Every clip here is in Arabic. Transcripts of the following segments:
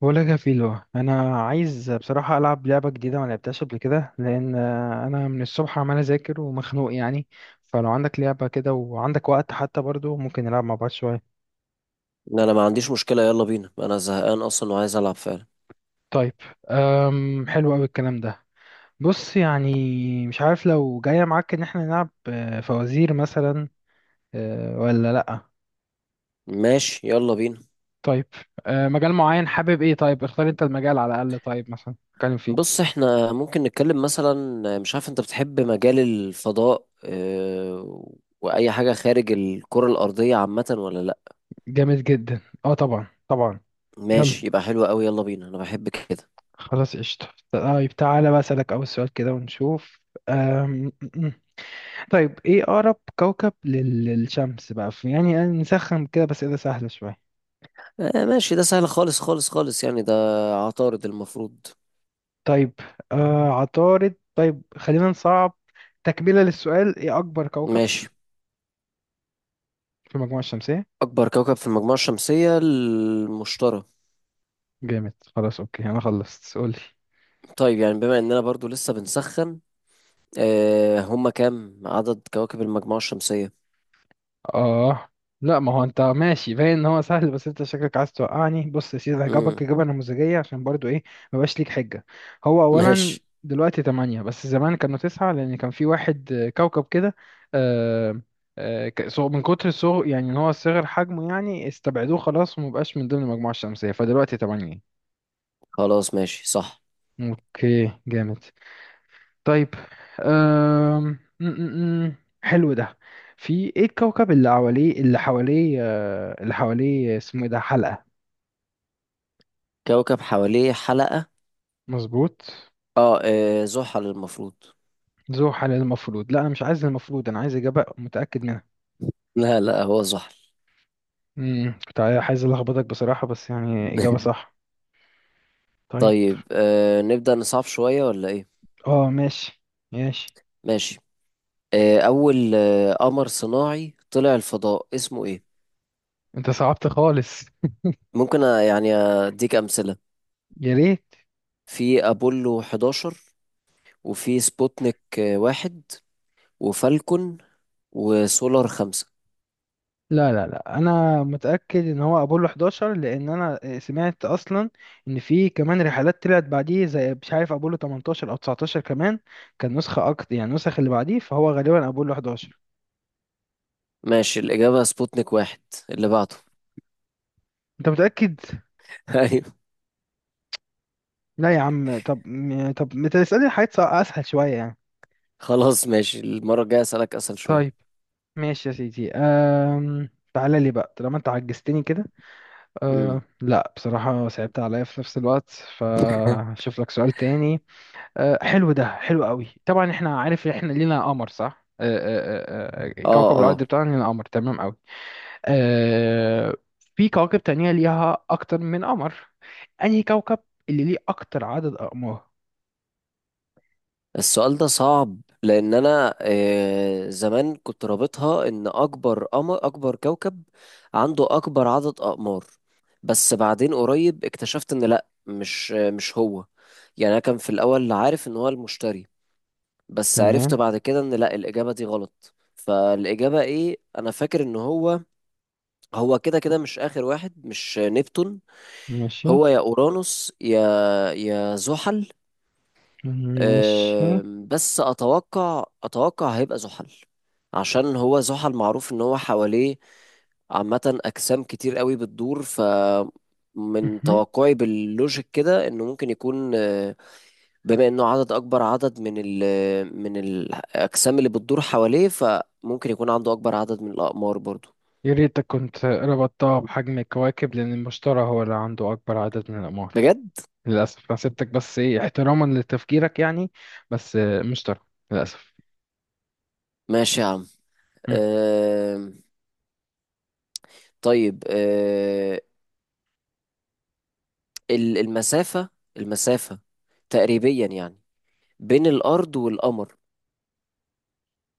بقولك يا فيلو، انا عايز بصراحه العب لعبه جديده ما لعبتهاش قبل كده لان انا من الصبح عمال اذاكر ومخنوق يعني. فلو عندك لعبه كده وعندك وقت حتى برضو ممكن نلعب مع بعض شويه. ان انا ما عنديش مشكلة، يلا بينا، انا زهقان اصلا وعايز العب فعلا. طيب. حلو قوي الكلام ده. بص، يعني مش عارف لو جايه معاك ان احنا نلعب فوازير مثلا. ولا لا؟ ماشي، يلا بينا. طيب مجال معين حابب ايه؟ طيب اختار انت المجال على الاقل، طيب مثلا نتكلم فيه. بص احنا ممكن نتكلم مثلا، مش عارف، انت بتحب مجال الفضاء اه؟ واي حاجة خارج الكرة الارضية عامة ولا لا؟ جامد جدا، اه طبعا طبعا. يلا. ماشي، يبقى حلو قوي، يلا بينا، انا بحب كده. خلاص قشطة. طيب تعالى بقى أسألك أول سؤال كده ونشوف. أم... م- م. طيب إيه أقرب كوكب للشمس بقى؟ في يعني نسخن كده بس، إذا سهلة شوية. اه ماشي، ده سهل خالص خالص خالص يعني. ده عطارد المفروض. طيب عطارد. طيب خلينا نصعب. تكملة للسؤال، إيه أكبر كوكب ماشي. في المجموعة الشمسية؟ اكبر كوكب في المجموعة الشمسية المشتري. جامد. خلاص أوكي، أنا خلصت. قولي. طيب يعني بما اننا برضو لسه بنسخن، اه، هما كام عدد كواكب المجموعة الشمسية؟ اه لا، ما هو انت ماشي باين ان هو سهل، بس انت شكلك عايز توقعني. بص يا سيدي، هجاوبك امم. اجابه نموذجيه عشان برضو ايه، مبقاش ليك حجه. هو اولا ماشي، دلوقتي تمانية، بس زمان كانوا تسعة لان كان في واحد كوكب كده. آه، من كتر صغر، يعني ان هو صغر حجمه يعني استبعدوه خلاص ومبقاش من ضمن المجموعه الشمسيه، فدلوقتي تمانية. خلاص ماشي صح. اوكي جامد. طيب. أم... م- م- م. حلو ده. في ايه الكوكب اللي حواليه اسمه ايه؟ ده حلقة. كوكب حواليه حلقة. مظبوط. اه، زحل المفروض. ذو حلقة المفروض؟ لا انا مش عايز المفروض، انا عايز اجابة متأكد منها. لا لا، هو زحل. كنت عايز الخبطك بصراحة، بس يعني اجابة صح. طيب. طيب، نبدأ نصعب شوية ولا ايه؟ اه ماشي. ماشي. ماشي. أول قمر صناعي طلع الفضاء اسمه ايه؟ انت صعبت خالص. ممكن يعني أديك أمثلة. يا ريت. في أبولو 11، وفي سبوتنيك واحد، وفالكون، وسولار 5. لا لا لا، انا متاكد ان هو ابولو 11 لان انا سمعت اصلا ان في كمان رحلات طلعت بعديه، زي مش عارف ابولو 18 او 19 كمان. كان نسخه اكتر، يعني النسخ اللي بعديه، فهو غالبا ابولو 11. ماشي، الإجابة سبوتنيك 1 اللي بعده. انت متاكد؟ أيوة. لا يا عم، طب ما تسالني حاجات اسهل شويه يعني. خلاص ماشي، المرة الجاية أسألك أسهل شوية. طيب ماشي يا سيدي. تعالى لي بقى طالما انت عجزتني كده. امم. لا بصراحه صعبت عليا في نفس الوقت. فاشوف لك سؤال تاني. حلو ده، حلو قوي. طبعا احنا عارف احنا لينا قمر صح، اه كوكب اه. الارض بتاعنا لينا قمر، تمام قوي. آه، في كواكب تانية ليها اكتر من قمر. انهي كوكب اللي ليه اكتر عدد اقمار؟ السؤال ده صعب لان انا زمان كنت رابطها ان اكبر قمر اكبر كوكب عنده اكبر عدد اقمار. بس بعدين قريب اكتشفت ان لا، مش هو، يعني انا كان في الاول عارف ان هو المشتري. بس عرفت تمام. بعد كده ان لا، الاجابة دي غلط، فالاجابة ايه؟ انا فاكر ان هو، هو كده كده مش اخر واحد، مش نبتون. ماشي. هو يا اورانوس يا، يا زحل. ماشي. بس اتوقع هيبقى زحل، عشان هو زحل معروف ان هو حواليه عامة اجسام كتير قوي بتدور، من مهم. توقعي باللوجيك كده انه ممكن يكون، بما انه اكبر عدد من من الاجسام اللي بتدور حواليه، فممكن يكون عنده اكبر عدد من الاقمار برضو. يا ريتك كنت ربطتها بحجم الكواكب، لان المشتري هو اللي عنده اكبر عدد من الاقمار. بجد. للاسف. انا سبتك، بس ايه، احتراما لتفكيرك يعني. بس مشتري، للاسف. ماشي يا عم. مم. أم، طيب، المسافة، المسافة تقريبيا يعني بين الارض والقمر.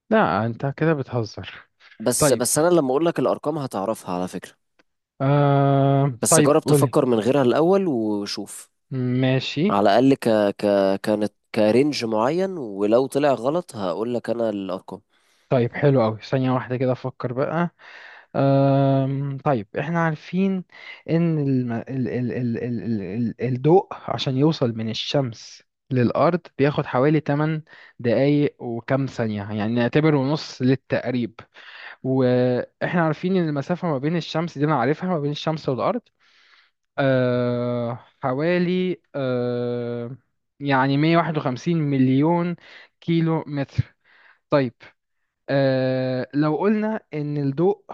لا انت كده بتهزر. بس طيب. بس، انا لما اقول لك الارقام هتعرفها على فكرة. بس طيب جرب قولي. تفكر من غيرها الاول وشوف، ماشي. على الاقل. ك كانت كرنج معين، ولو طلع غلط هقول لك انا الارقام. طيب حلو قوي، ثانية واحدة كده أفكر بقى. طيب إحنا عارفين إن الم... ال... ال... ال... ال... ال... ال- الضوء عشان يوصل من الشمس للأرض بياخد حوالي 8 دقايق وكام ثانية، يعني نعتبره نص للتقريب. وإحنا عارفين إن المسافة ما بين الشمس، دي أنا عارفها، ما بين الشمس والأرض حوالي يعني 151 مليون كيلو متر. طيب لو قلنا إن الضوء،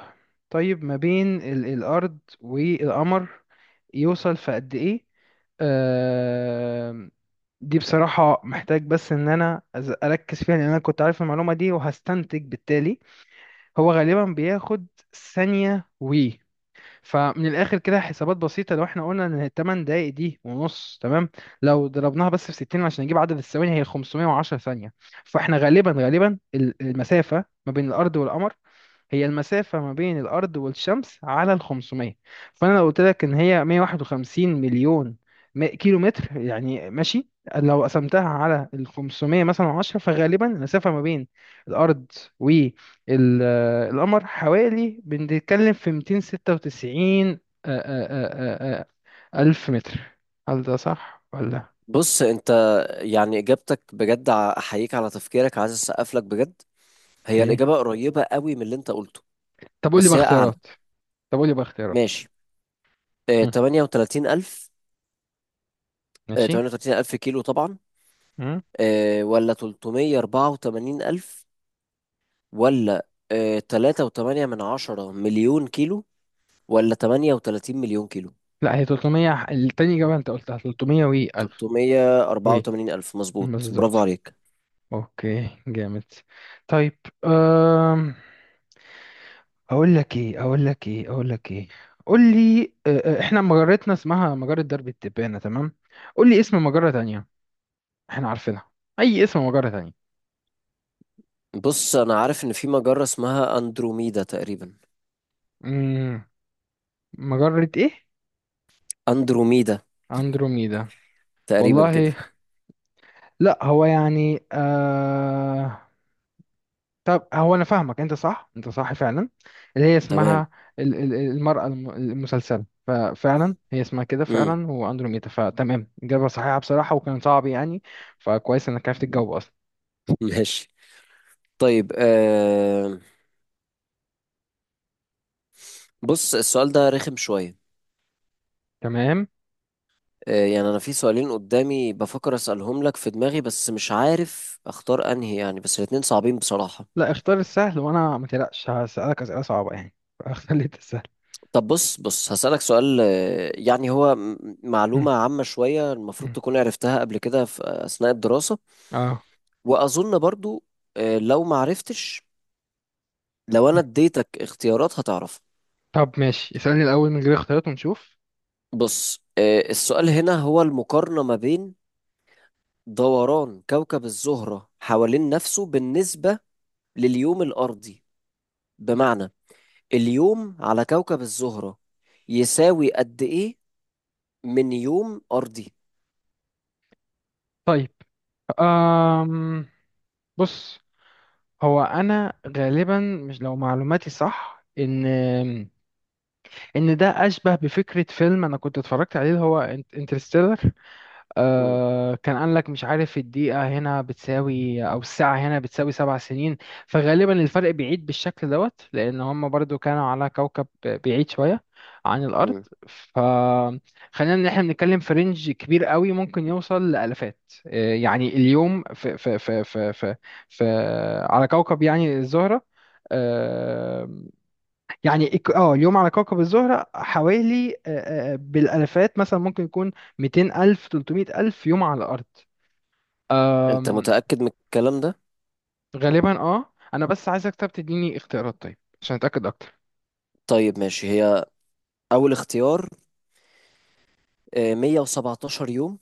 طيب ما بين الأرض والقمر يوصل في قد إيه؟ آه دي بصراحة محتاج بس إن أنا أركز فيها، لأن أنا كنت عارف المعلومة دي وهستنتج بالتالي. هو غالبا بياخد ثانية و... فمن الاخر كده حسابات بسيطه، لو احنا قلنا ان الثمان دقائق دي ونص تمام، لو ضربناها بس في 60 عشان نجيب عدد الثواني، هي 510 ثانيه. فاحنا غالبا غالبا المسافه ما بين الارض والقمر هي المسافة ما بين الأرض والشمس على ال 500. فأنا لو قلت لك إن هي 151 مليون كيلو متر يعني ماشي، لو قسمتها على ال 500 مثلا 10، فغالبا المسافة ما بين الأرض والقمر، حوالي، بنتكلم في 296 ألف متر. هل ده صح ولا؟ بص انت، يعني اجابتك بجد احييك على تفكيرك، عايز اسقف لك بجد. هي أوكي. الاجابة قريبة قوي من اللي انت قلته، طب قول لي بقى بس هي اعلى. اختيارات. طب قول لي بقى اختيارات. ماشي. مم. 38000. ماشي. 38000 كيلو طبعا، ولا 384000، ولا تلاتة وتمانية من عشرة مليون كيلو، ولا 38 مليون كيلو. لا هي 300، التاني إجابة أنت قلتها 300 و 1000 تلتمية أربعة و... وتمانين ألف مظبوط، برافو بالظبط. عليك. أوكي جامد. طيب. أم... أقول لك إيه قول لي إحنا مجرتنا اسمها مجرة درب التبانة، تمام؟ قول لي اسم مجرة تانية، إحنا عارفينها، أي اسم مجرة تانية. بص أنا عارف إن في مجرة اسمها أندروميدا تقريبا. مم. مجرة إيه؟ أندروميدا، أندروميدا؟ تقريبا كده. والله؟ لا هو يعني طب هو انا فاهمك، انت صح، انت صح فعلا، اللي هي تمام. اسمها المرأة المسلسلة. ففعلا هي اسمها كده مم. فعلا، واندروميدا، فتمام. اجابة صحيحة بصراحة، وكان صعب يعني. فكويس انك عرفت الجو اصلا. ماشي. طيب، بص السؤال ده رخم شوية. تمام. يعني أنا في سؤالين قدامي بفكر أسألهم لك في دماغي، بس مش عارف أختار أنهي يعني، بس الاتنين صعبين بصراحة. لا اختار السهل، وانا ما تقلقش هسألك اسئلة صعبة يعني فاختار لي انت السهل. طب بص بص، هسألك سؤال، يعني هو مم. معلومة عامة شوية المفروض مم. تكون عرفتها قبل كده في أثناء الدراسة. اه. وأظن برضو، لو ما عرفتش، لو أنا مم. اديتك اختيارات هتعرف. طب ماشي، اسألني الاول من غير اختيارات ونشوف. بص، السؤال هنا هو المقارنة ما بين دوران كوكب الزهرة حوالين نفسه بالنسبة لليوم الأرضي. بمعنى اليوم على كوكب الزهرة يساوي قد إيه من يوم أرضي؟ طيب. أم... بص، هو انا غالبا مش، لو معلوماتي صح، ان ده اشبه بفكره فيلم انا كنت اتفرجت عليه، اللي هو انترستيلر. مم. كان قال لك، مش عارف، الدقيقه هنا بتساوي او الساعه هنا بتساوي 7 سنين. فغالبا الفرق بعيد بالشكل دوت، لان هم برضو كانوا على كوكب بعيد شويه عن الارض. مم. فخلينا ان احنا بنتكلم في رينج كبير قوي، ممكن يوصل لالافات. يعني اليوم في على كوكب، يعني، الزهره. آه، يعني اليوم على كوكب الزهرة حوالي بالالفات مثلا ممكن يكون 200 الف 300 الف يوم على الارض. أنت متأكد من الكلام ده؟ غالبا اه، انا بس عايزك طب تديني اختيارات طيب عشان اتاكد اكتر. طيب ماشي. هي أول اختيار، 117 يوم،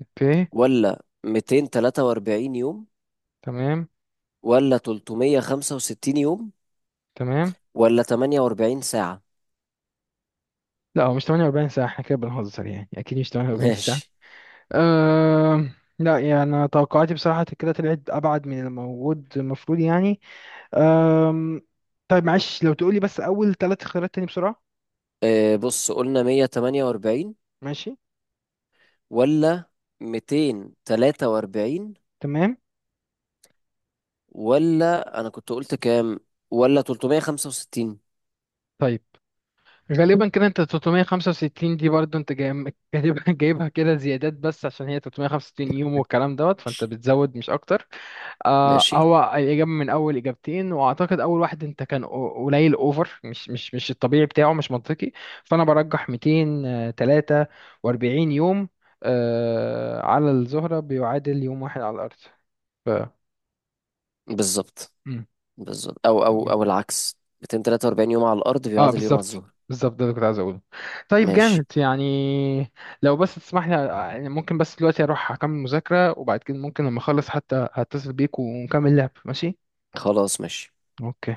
اوكي. ولا 243 يوم، تمام. ولا 365 يوم، تمام. ولا 48 ساعة؟ لا هو مش 48 ساعة، احنا كده بنهزر يعني، اكيد مش 48 ساعة. ماشي. أم... لا يعني أنا توقعاتي بصراحة كده طلعت ابعد من الموجود المفروض يعني. أم... طيب معلش، لو تقولي بس اول ثلاث اختيارات تاني بسرعة. بص قلنا 148، ماشي. ولا 243، تمام. ولا أنا كنت قلت كام، ولا 365؟ طيب غالبا كده انت 365 دي برضو انت جايبها جايبها كده زيادات بس، عشان هي 365 يوم والكلام دوت، فانت بتزود مش اكتر. ماشي. هو الاجابه من اول اجابتين، واعتقد اول واحد انت كان قليل اوفر، مش الطبيعي بتاعه، مش منطقي. فانا برجح 243 يوم، على الزهره بيعادل يوم واحد على الارض. ف... بالظبط بالظبط، أو أو مم. أو العكس، 243 يوم على الأرض اه بيعادل يوم على بالظبط، الظهر. بالظبط ده اللي كنت عايز اقوله. طيب ماشي، جامد يعني. لو بس تسمح لي يعني، ممكن بس دلوقتي اروح اكمل مذاكرة، وبعد كده ممكن لما اخلص حتى هتصل بيك ونكمل لعب. ماشي. خلاص ماشي. اوكي.